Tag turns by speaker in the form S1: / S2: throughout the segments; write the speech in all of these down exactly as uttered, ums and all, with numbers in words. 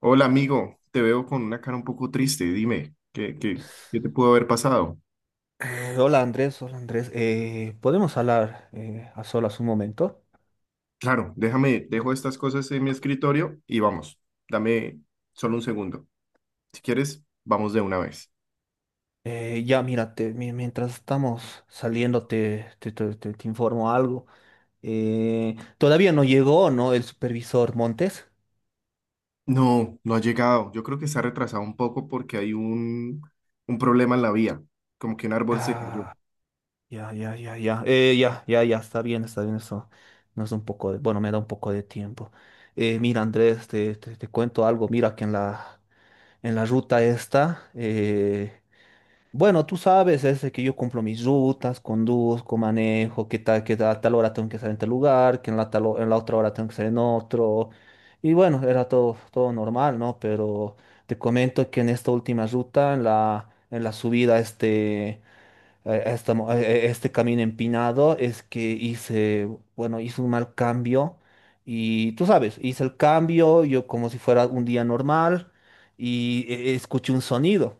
S1: Hola amigo, te veo con una cara un poco triste. Dime, ¿qué, qué, qué te pudo haber pasado?
S2: Hola Andrés, hola Andrés. Eh, ¿podemos hablar eh, a solas un momento?
S1: Claro, déjame, dejo estas cosas en mi escritorio y vamos. Dame solo un segundo. Si quieres, vamos de una vez.
S2: Eh, ya, mira, te- mi- mientras estamos saliendo te, te, te- te- te informo algo. Eh, todavía no llegó, ¿no? El supervisor Montes.
S1: No, no ha llegado. Yo creo que se ha retrasado un poco porque hay un, un problema en la vía. Como que un árbol se cayó.
S2: Ah, ya, ya, ya, ya. Eh, ya, ya, ya, está bien, está bien eso. Nos da un poco de, bueno, me da un poco de tiempo. Eh, mira, Andrés, te, te- te cuento algo. Mira que en la, en la ruta esta... eh, Bueno, tú sabes, es que yo cumplo mis rutas, conduzco, manejo, que tal, que a tal hora tengo que estar en tal lugar, que en la, tal, ho- en la otra hora tengo que estar en otro. Y bueno, era todo, todo normal, ¿no? Pero te comento que en esta última ruta, en la, en la subida, este a, esta mo- a- e- este camino empinado es que hice, bueno, hice un mal cambio, y tú sabes, hice el cambio yo como si fuera un día normal. Y eh, escuché un sonido.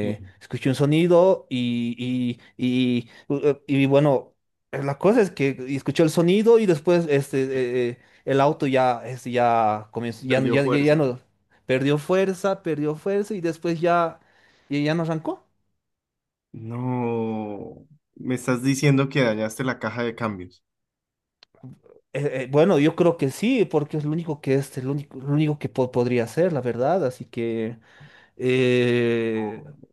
S1: Sí,
S2: Escuché un sonido y, y, y, u- eh, y bueno, la cosa es que escuché el sonido y después este, eh, eh, el auto ya, este, ya comenzó, ya, no-
S1: perdió
S2: ya, ya ya
S1: fuerza.
S2: no, perdió fuerza, perdió fuerza y después ya, ya ya no arrancó.
S1: No, me estás diciendo que dañaste la caja de cambios.
S2: Eh, eh, bueno, yo creo que sí, porque es lo único que es, lo único, lo único que po- podría hacer, la verdad. Así que eh,
S1: Oh.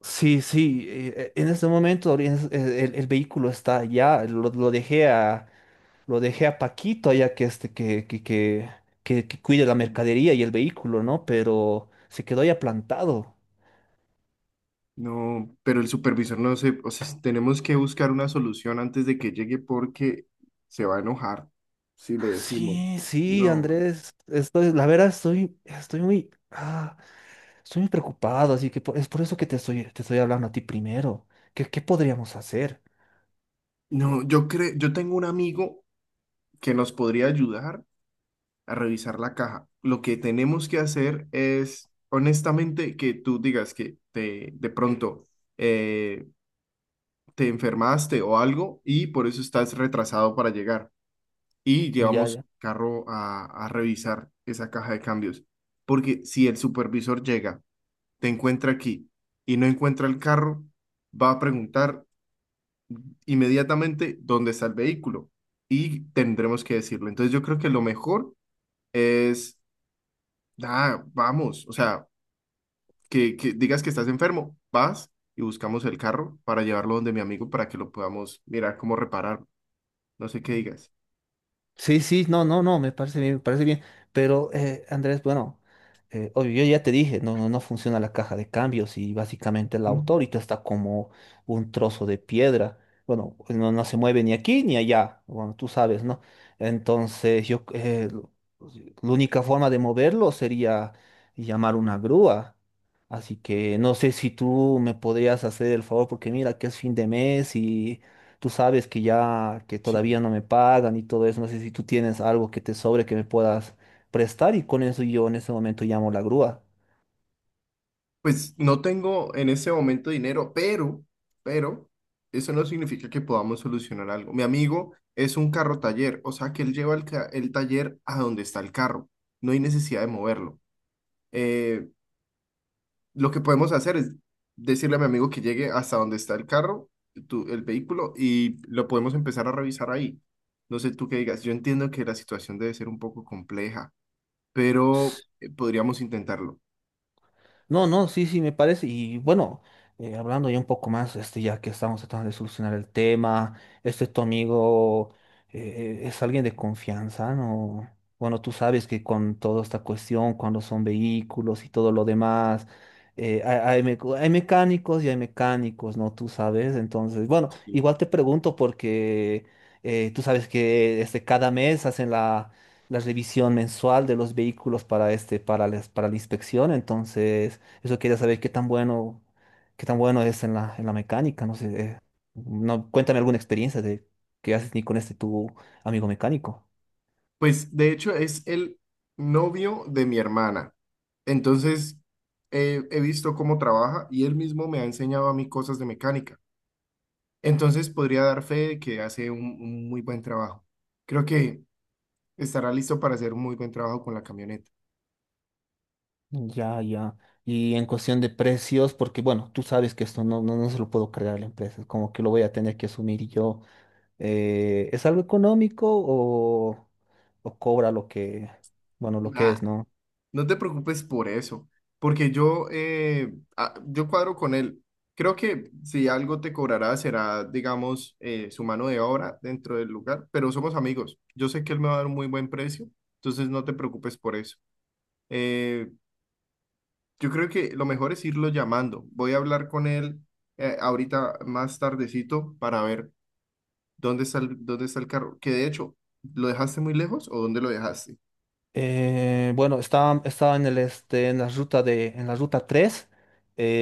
S2: sí, sí. Eh, eh, en este momento ahori- es- eh, el, el vehículo está allá. Lo, lo dejé a, lo dejé a Paquito allá que este que, que, que, que, que cuide la mercadería y el vehículo, ¿no? Pero se quedó ya plantado.
S1: No, pero el supervisor no se, o sea, tenemos que buscar una solución antes de que llegue porque se va a enojar si le decimos.
S2: Sí, sí,
S1: No,
S2: Andrés. Estoy, la verdad, estoy, estoy muy. ah, Estoy muy preocupado, así que por- es por eso que te estoy, te estoy hablando a ti primero. ¿Qué, qué podríamos hacer?
S1: no, yo creo, yo tengo un amigo que nos podría ayudar a revisar la caja. Lo que tenemos que hacer es, honestamente, que tú digas que te, de pronto eh, te enfermaste o algo y por eso estás retrasado para llegar. Y
S2: Ya,
S1: llevamos
S2: ya.
S1: el carro a, a revisar esa caja de cambios. Porque si el supervisor llega, te encuentra aquí y no encuentra el carro, va a preguntar inmediatamente dónde está el vehículo y tendremos que decirlo. Entonces yo creo que lo mejor es, ah, vamos, o sea, que, que digas que estás enfermo, vas y buscamos el carro para llevarlo donde mi amigo para que lo podamos mirar cómo reparar. No sé qué digas.
S2: Sí, sí, no, no, no, me parece bien, me parece bien. Pero, eh, Andrés, bueno, eh, obvio, yo ya te dije, no, no no funciona la caja de cambios, y básicamente el
S1: Mm.
S2: auto ahorita está como un trozo de piedra. Bueno, no, no se mueve ni aquí ni allá, bueno, tú sabes, ¿no? Entonces, yo, eh, lo- la única forma de moverlo sería llamar una grúa. Así que no sé si tú me podrías hacer el favor, porque mira que es fin de mes. Tú sabes que ya, que
S1: Sí.
S2: todavía no me pagan y todo eso, no sé si tú tienes algo que te sobre que me puedas prestar, y con eso yo en ese momento llamo la grúa.
S1: Pues no tengo en ese momento dinero, pero, pero, eso no significa que podamos solucionar algo. Mi amigo es un carro taller, o sea que él lleva el, ca- el taller a donde está el carro. No hay necesidad de moverlo. Eh, lo que podemos hacer es decirle a mi amigo que llegue hasta donde está el carro, tu- el vehículo, y lo podemos empezar a revisar ahí. No sé tú qué digas. Yo entiendo que la situación debe ser un poco compleja, pero eh, podríamos intentarlo.
S2: No, no, sí, sí, me parece. Y bueno, eh, hablando ya un poco más, este, ya que estamos tratando de solucionar el tema, este tu amigo eh, es alguien de confianza, ¿no? Bueno, tú sabes que con toda esta cuestión, cuando son vehículos y todo lo demás, eh, hay, hay meco- hay mecánicos y hay mecánicos, ¿no? Tú sabes. Entonces, bueno, igual te pregunto porque eh, tú sabes que este, cada mes hacen la la revisión mensual de los vehículos para este, para, la- para la inspección. Entonces, eso quería saber qué tan bueno, qué tan bueno es en la, en la mecánica, no sé. eh, No, cuéntame alguna experiencia de qué haces ni con este tu amigo mecánico.
S1: Pues de hecho es el novio de mi hermana. Entonces eh, he visto cómo trabaja y él mismo me ha enseñado a mí cosas de mecánica. Entonces podría dar fe de que hace un, un muy buen trabajo. Creo que estará listo para hacer un muy buen trabajo con la camioneta.
S2: Ya, ya. Y en cuestión de precios, porque bueno, tú sabes que esto no, no, no se lo puedo cargar a la empresa, es como que lo voy a tener que asumir yo. Eh, ¿es algo económico o, o cobra lo que, bueno, lo que es, ¿no?
S1: No te preocupes por eso, porque yo, eh, ah, yo cuadro con él. Creo que si algo te cobrará será, digamos, eh, su mano de obra dentro del lugar, pero somos amigos. Yo sé que él me va a dar un muy buen precio, entonces no te preocupes por eso. Eh, yo creo que lo mejor es irlo llamando. Voy a hablar con él eh, ahorita más tardecito para ver dónde está el, dónde está el carro. Que de hecho, ¿lo dejaste muy lejos o dónde lo dejaste?
S2: Eh, bueno, estaba, estaba en el este, en la ruta de, en la ruta tres,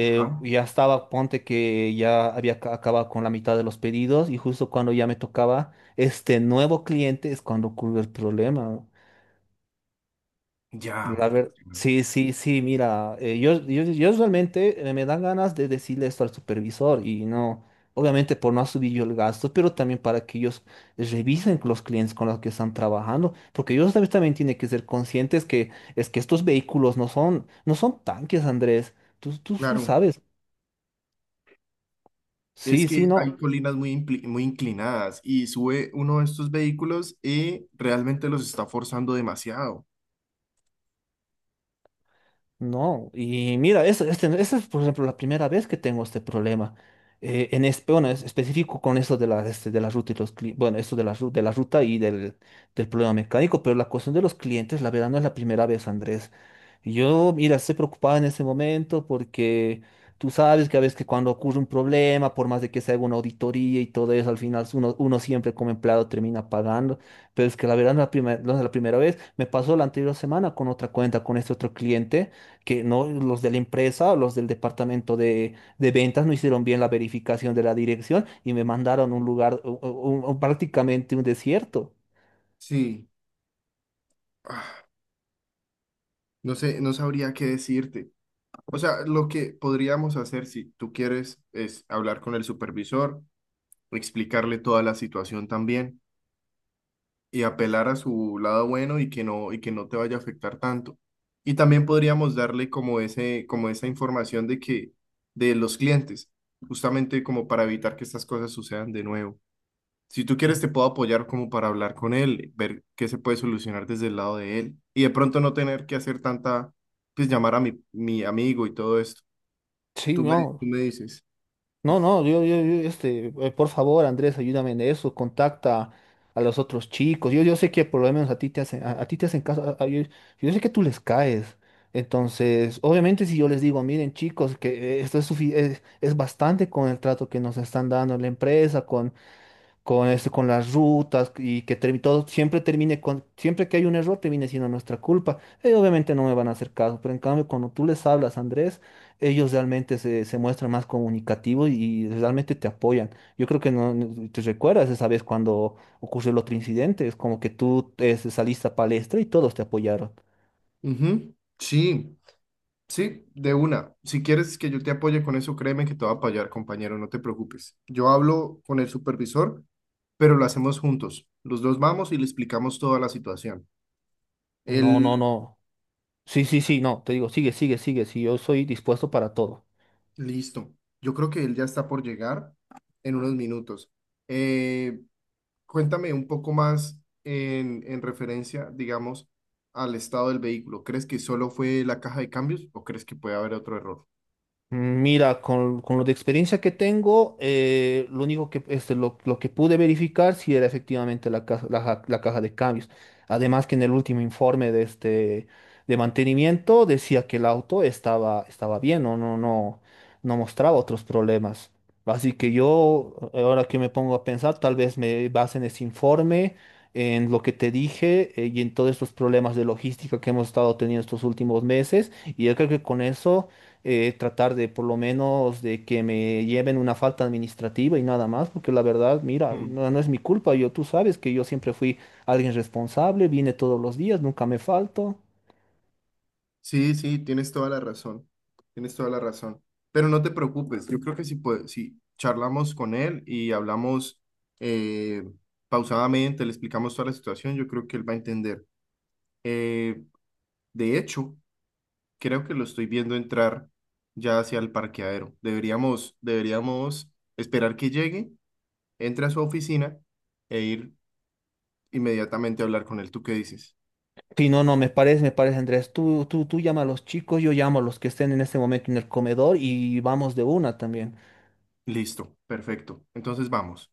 S1: Ajá.
S2: ya estaba, ponte que ya había ca- acabado con la mitad de los pedidos y justo cuando ya me tocaba este nuevo cliente es cuando ocurre el problema.
S1: Ya.
S2: La ver- sí, sí, sí, mira, eh, yo, yo, yo realmente eh, me dan ganas de decirle esto al supervisor y no, obviamente por no subir yo el gasto, pero también para que ellos revisen los clientes con los que están trabajando, porque ellos también, también tienen que ser conscientes que es que estos vehículos no son, no son tanques, Andrés, tú, tú lo
S1: Claro,
S2: sabes,
S1: es
S2: sí,
S1: que
S2: sí, no.
S1: hay colinas muy, impli- muy inclinadas y sube uno de estos vehículos y realmente los está forzando demasiado.
S2: No, y mira, eso este, esa es por ejemplo la primera vez que tengo este problema. Eh, en este, bueno, es específico con eso de la, este, de la ruta y los cli- bueno, esto de la, ru- de la ruta y del, del problema mecánico, pero la cuestión de los clientes, la verdad, no es la primera vez, Andrés. Yo, mira, estoy preocupado en ese momento porque tú sabes que a veces que cuando ocurre un problema, por más de que se haga una auditoría y todo eso, al final uno, uno siempre como empleado termina pagando, pero es que la verdad no es la primera, no es la primera vez. Me pasó la anterior semana con otra cuenta, con este otro cliente que no, los de la empresa o los del departamento de, de ventas no hicieron bien la verificación de la dirección y me mandaron a un lugar, u- u- u- prácticamente un desierto.
S1: Sí. Ah, no sé, no sabría qué decirte. O sea, lo que podríamos hacer si tú quieres es hablar con el supervisor, explicarle toda la situación también y apelar a su lado bueno y que no y que no te vaya a afectar tanto. Y también podríamos darle como ese como esa información de que de los clientes, justamente como para evitar que estas cosas sucedan de nuevo. Si tú quieres, te puedo apoyar como para hablar con él, ver qué se puede solucionar desde el lado de él y de pronto no tener que hacer tanta, pues llamar a mi, mi amigo y todo esto.
S2: Sí,
S1: Tú
S2: no,
S1: me, tú me dices.
S2: no, no, yo, yo, yo, este, eh, por favor, Andrés, ayúdame en eso, contacta a los otros chicos. Yo, yo sé que por lo menos a ti te hacen, a, a ti te hacen caso, a- a- yo, yo sé que tú les caes. Entonces, obviamente si yo les digo, miren chicos, que eh, esto es, sufi- es, es bastante con el trato que nos están dando en la empresa, con eso, con las rutas, y que termi- todo siempre termine con, siempre que hay un error termine siendo nuestra culpa. Ellos obviamente no me van a hacer caso, pero en cambio cuando tú les hablas, Andrés, ellos realmente se, se muestran más comunicativos y realmente te apoyan. Yo creo que no, no- te recuerdas esa vez cuando ocurrió el otro incidente, es como que tú eh, saliste a palestra y todos te apoyaron.
S1: Ujú, sí, sí, de una. Si quieres que yo te apoye con eso, créeme que te voy a apoyar, compañero, no te preocupes. Yo hablo con el supervisor, pero lo hacemos juntos. Los dos vamos y le explicamos toda la situación.
S2: No, no,
S1: Él,
S2: no. Sí, sí, sí, no, te digo, sigue, sigue, sigue, sí, yo soy dispuesto para todo.
S1: listo. Yo creo que él ya está por llegar en unos minutos. Eh, Cuéntame un poco más en, en referencia, digamos, al estado del vehículo. ¿Crees que solo fue la caja de cambios o crees que puede haber otro error?
S2: Mira, con, con lo de experiencia que tengo, eh, lo único que, este, lo, lo que pude verificar si era efectivamente la caja, la, ja- la caja de cambios. Además que en el último informe de este de mantenimiento decía que el auto estaba, estaba bien, no, no, no, no mostraba otros problemas. Así que yo, ahora que me pongo a pensar, tal vez me base en ese informe, en lo que te dije, eh, y en todos estos problemas de logística que hemos estado teniendo estos últimos meses. Y yo creo que con eso eh, tratar de por lo menos de que me lleven una falta administrativa y nada más, porque la verdad, mira,
S1: Mm.
S2: no, no es mi culpa, yo tú sabes que yo siempre fui alguien responsable, vine todos los días, nunca me falto.
S1: Sí, sí, tienes toda la razón. Tienes toda la razón. Pero no te preocupes, yo creo que si, puede- si charlamos con él y hablamos eh, pausadamente, le explicamos toda la situación, yo creo que él va a entender. Eh, de hecho, creo que lo estoy viendo entrar ya hacia el parqueadero. Deberíamos, deberíamos esperar que llegue entre a su oficina e ir inmediatamente a hablar con él. ¿Tú qué dices?
S2: Sí no, no, me parece, me parece, Andrés, tú, tú, tú llama a los chicos, yo llamo a los que estén en este momento en el comedor y vamos de una también.
S1: Listo, perfecto. Entonces vamos.